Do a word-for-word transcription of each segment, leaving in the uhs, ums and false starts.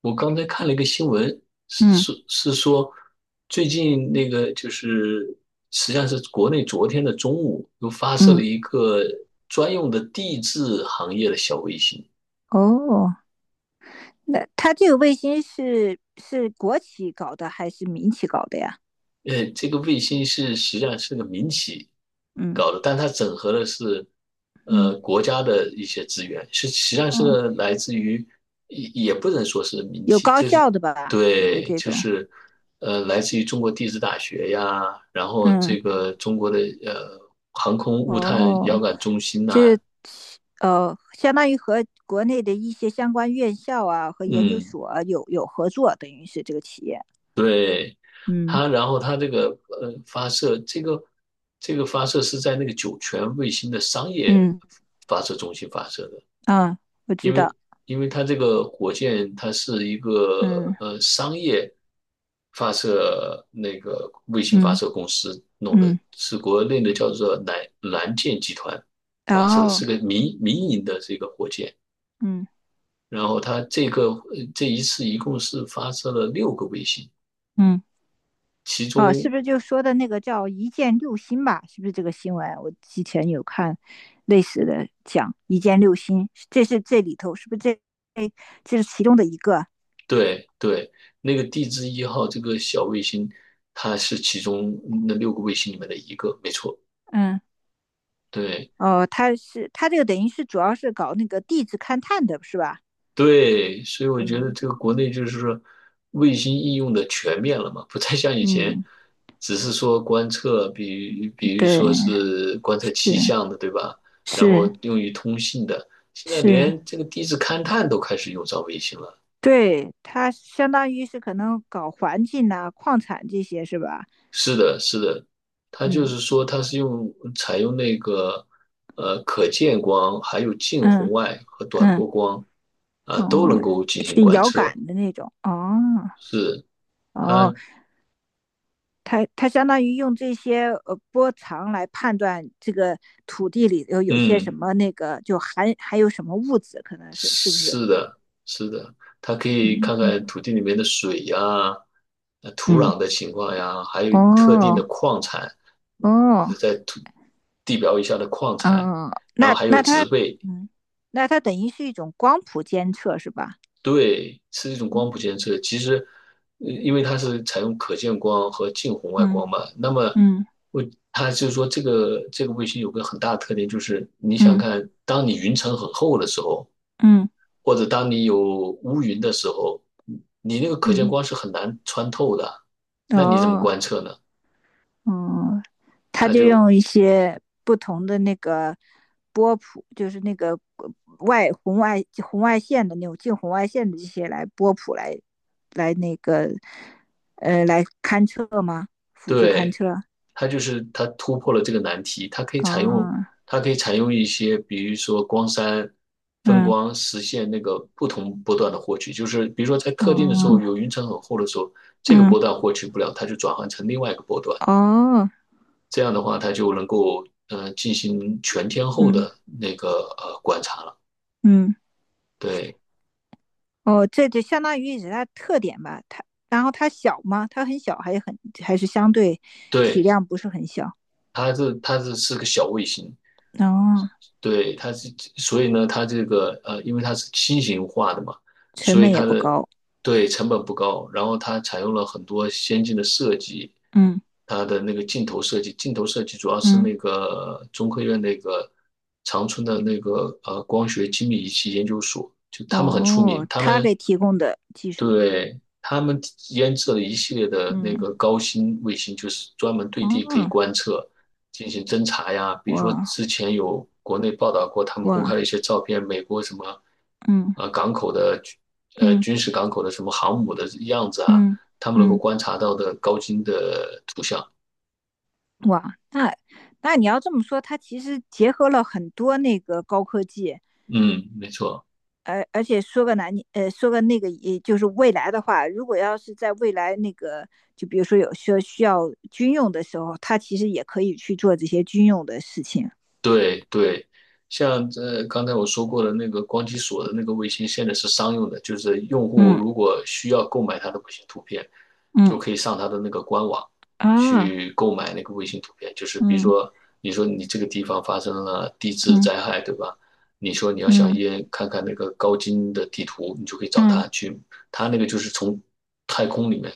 我刚才看了一个新闻，是嗯是是说，最近那个就是，实际上是国内昨天的中午又发射嗯，了一个专用的地质行业的小卫星。哦，那它这个卫星是是国企搞的还是民企搞的呀？呃，这个卫星是实际上是个民企嗯搞的，但它整合的是嗯，呃国家的一些资源，是实际上是哦，来自于也也不能说是民有企，高就校是的吧？会不会对，这就种？是呃来自于中国地质大学呀，然后嗯，这个中国的呃航空物探遥哦，感中心就是呐、呃，相当于和国内的一些相关院校啊和研究嗯，所啊有有合作，等于是这个企业。对。嗯它，然后它这个呃发射，这个这个发射是在那个酒泉卫星的商业嗯发射中心发射的。啊，我知因为道。因为它这个火箭它是一嗯，个呃商业发射那个卫星发嗯射公司弄的，嗯是国内的叫做蓝蓝箭集团然发射的后是个民民营的这个火箭。嗯。然后它这个呃这一次一共是发射了六个卫星。嗯。其哦，是不中是就说的那个叫"一箭六星"吧？是不是这个新闻？我之前有看类似的讲"一箭六星"，这是这里头是不是这哎这是其中的一个？对对，那个地质一号这个小卫星，它是其中那六个卫星里面的一个，没错。嗯，对哦，他是他这个等于是主要是搞那个地质勘探的，是吧？对，所以我觉得嗯这个国内就是说，卫星应用的全面了嘛，不再像以前，嗯，只是说观测，比比如对，说是观测气是象的，对吧？然后是用于通信的，现在是，连这个地质勘探都开始用上卫星了。对，他相当于是可能搞环境呐、矿产这些是吧？是的，是的，它就嗯是说，它是用采用那个呃可见光，还有近嗯红外和短嗯，波光啊、都哦，能够进行是观遥测。感的那种哦。是哦，它，它它相当于用这些呃波长来判断这个土地里头有些什嗯，么那个，就含还有什么物质，可能是是不是？是的，是的，它可以看嗯看土地里面的水呀、呃土嗯，壤的情况呀，还有特定哦的矿产。嗯，就哦，是在土地表以下的矿产，嗯，然后那还有那植它被。嗯，那它等于是一种光谱监测是吧？对，是一种光谱嗯监测。其实，呃因为它是采用可见光和近红外嗯光嘛，那么嗯我它就是说，这个这个卫星有个很大的特点，就是你想嗯看，当你云层很厚的时候，嗯或者当你有乌云的时候，你那个可见嗯，光是很难穿透的，那你怎么哦，观测呢？哦，他它就就用一些不同的那个波谱，就是那个外红外红外线的那种近红外线的这些来波谱来来那个呃来勘测吗？辅助勘对。测？它就是它突破了这个难题，它可以采用哦，它可以采用一些，比如说光栅分嗯，光，实现那个不同波段的获取。就是比如说在特定的时候哦，有云层很厚的时候，这个嗯，波段获取不了，它就转换成另外一个波段。哦，这样的话，它就能够呃进行全天候嗯的那个呃观察了。嗯，对哦，这就相当于是它特点吧，它。然后它小吗？它很小，还很还是相对体对，量不是很小，它是它是是个小卫星。哦，对，它是，所以呢，它这个呃，因为它是新型化的嘛，成所以本也它不的高，对，成本不高，然后它采用了很多先进的设计。嗯它的那个镜头设计，镜头设计主要是嗯。那个中科院那个长春的那个呃光学精密仪器研究所，就他们很出名。哦，他他们给提供的技术，对，他们研制了一系列的那嗯，个高新卫星，就是专门对地可以哦，观测、进行侦查呀。比如说，哇之前有国内报道过，他们公开哇，了一些照片，美国什么嗯呃港口的呃嗯军事港口的什么航母的样子啊，嗯他们能够嗯，观察到的高精的图像。哇，那那你要这么说，它其实结合了很多那个高科技，嗯，没错。而而且说个难，呃，说个那个，也就是未来的话，如果要是在未来那个，就比如说有需要需要军用的时候，它其实也可以去做这些军用的事情。对对，像这刚才我说过的那个光机锁的那个卫星，现在是商用的，就是用户嗯如果需要购买它的卫星图片，就嗯可以上它的那个官网啊，去购买那个卫星图片。就是比如嗯说，你说你这个地方发生了地质灾嗯害，对吧？你说你要想嗯也看看那个高精的地图，你就可以找嗯它去，它那个就是从太空里面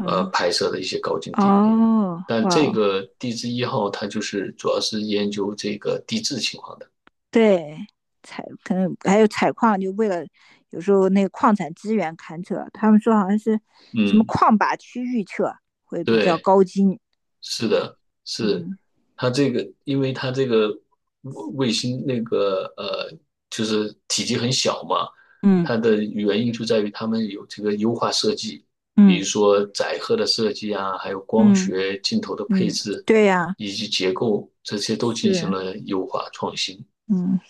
呃拍摄的一些高精地图。哦，但这哇个地质一号它就是主要是研究这个地质情况的。对，采可能还有采矿，就为了有时候那个矿产资源勘测，他们说好像是什么嗯，矿靶区域测会比较对，高精。是的，是嗯它这个，因为它这个卫星那个呃，就是体积很小嘛，嗯它的原因就在于他们有这个优化设计，比如嗯说载荷的设计啊，还有光嗯学镜头的配嗯，置对呀、以及结构，这些都进行是，了优化创新。嗯，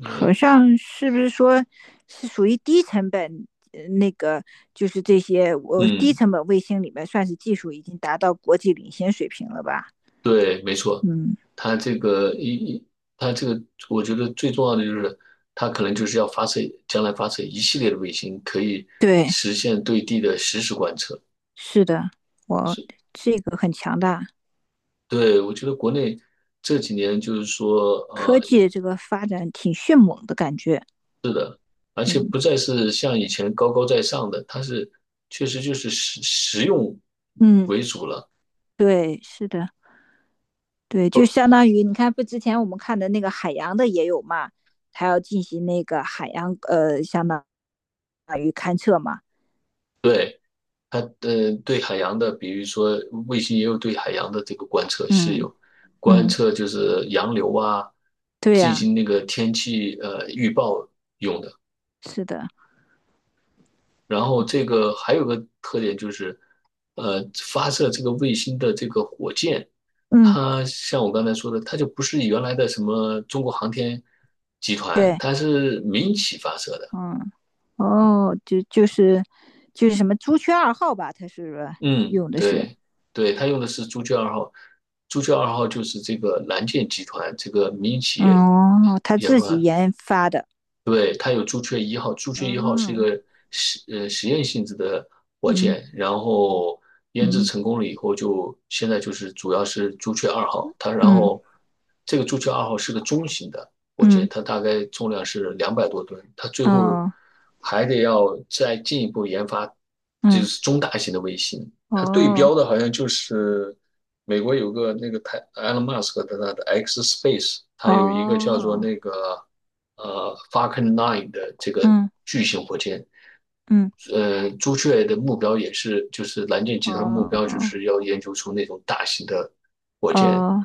好像是不是说是属于低成本？呃那个就是这些，我低嗯。成本卫星里面算是技术已经达到国际领先水平了吧？对，没错，嗯，他这个一一，他这个，我觉得最重要的就是，他可能就是要发射，将来发射一系列的卫星，可以对，实现对地的实时观测。是的，我是，这个很强大。对，我觉得国内这几年就是说，科呃，技这个发展挺迅猛的感觉。而且嗯不再是像以前高高在上的，它是确实就是实实用嗯，为主了。对，是的，对，就相当于你看，不之前我们看的那个海洋的也有嘛，还要进行那个海洋呃，相当于勘测嘛。对。它呃对海洋的，比如说卫星也有对海洋的这个观测是嗯有观嗯，测，就是洋流啊，对进呀、行那个天气呃预报用的。是的，然后这个还有个特点就是，呃，发射这个卫星的这个火箭，嗯，它像我刚才说的，它就不是原来的什么中国航天集团，对，它是民企发射的。嗯，哦，就就是就是什么朱雀二号吧，它是嗯，用的是，对，对，他用的是朱雀二号。朱雀二号就是这个蓝箭集团这个民营企业哦，他研自己发。研发的，对，它有朱雀一号。朱雀一号是一哦，个实呃实验性质的火嗯箭，然后研制嗯成功了以后就，现在就是主要是朱雀二号。它然嗯后这个朱雀二号是个中型的火嗯箭，它大概重量是两百多吨，它最嗯，后哦还得要再进一步研发，就嗯。是中大型的卫星。它对哦标的好像就是美国有个那个台 Elon Musk 的他的 X Space,它有一个叫做哦，那个呃 Falcon Nine 的这个嗯巨型火箭。嗯呃，朱雀的目标也是就是蓝箭集团目标就哦是要研究出那种大型的火箭。哦，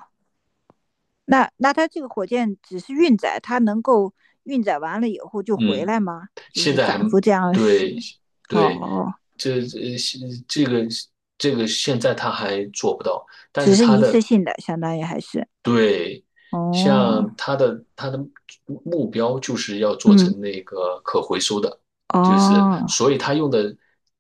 那那它这个火箭只是运载，它能够运载完了以后就回嗯，来吗？就现是在还反复这样使。对对，哦，这这这个这个现在他还做不到，但只是是他一次的性的，相当于还是。对，哦，像它的它的目标就是要做嗯成那个可回收的，就是哦所以它用的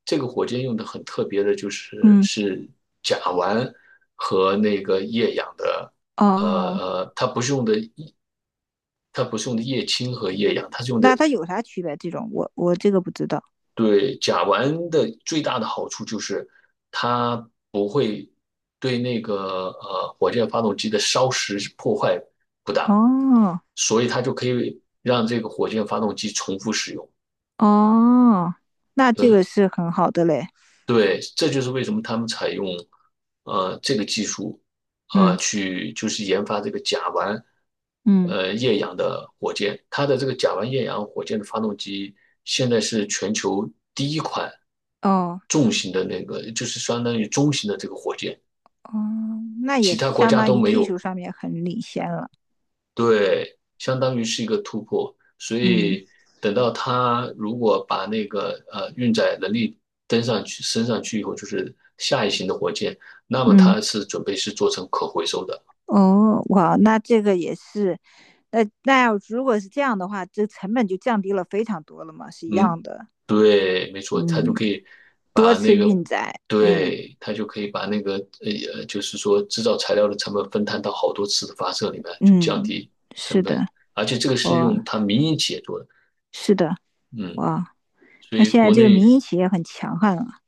这个火箭用的很特别的，就是嗯是甲烷和那个液氧的。呃哦，呃，它不是用的液，它不是用的液氢和液氧，它是用那的它有啥区别？这种我我这个不知道。对，甲烷的最大的好处就是它不会对那个呃火箭发动机的烧蚀破坏不大，哦所以它就可以让这个火箭发动机重复使用。哦，那这对，个是很好的嘞。对，这就是为什么他们采用呃这个技术啊、呃嗯去就是研发这个甲烷嗯呃液氧的火箭。它的这个甲烷液氧火箭的发动机现在是全球第一款哦。重型的那个，就是相当于中型的这个火箭，哦，那也其他是国相家当都于没技有。术上面很领先了。对，相当于是一个突破。所嗯以等到他如果把那个呃运载能力登上去升上去以后，就是下一型的火箭，那么嗯，它是准备是做成可回收的。哦，哇，那这个也是，那那要如果是这样的话，这成本就降低了非常多了嘛，是一样嗯，的。对，没错，它就嗯，可以多把次那个，运载，嗯对，它就可以把那个呃，呃就是说制造材料的成本分摊到好多次的发射里面，就降嗯，低是成本。的，而且这个是用哇，它民营企业做的。是的，嗯，哇，所那以现在国这个内民营企业很强悍了。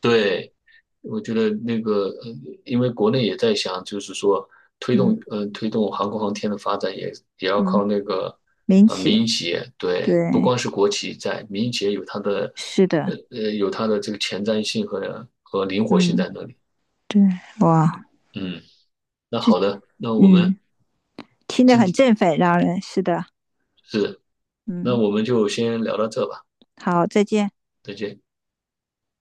对，我觉得那个，呃，因为国内也在想，就是说推嗯动，呃，推动航空航天的发展也，也要嗯，靠那个，民呃，民企，营企业。对，不对，光是国企在，民营企业有它的，是的，呃呃，有它的这个前瞻性和和灵活性嗯在那里。对，哇，嗯，那好的，那我嗯，们听着今很天振奋，让人是的，是，那嗯。我们就先聊到这吧，好，再见。再见。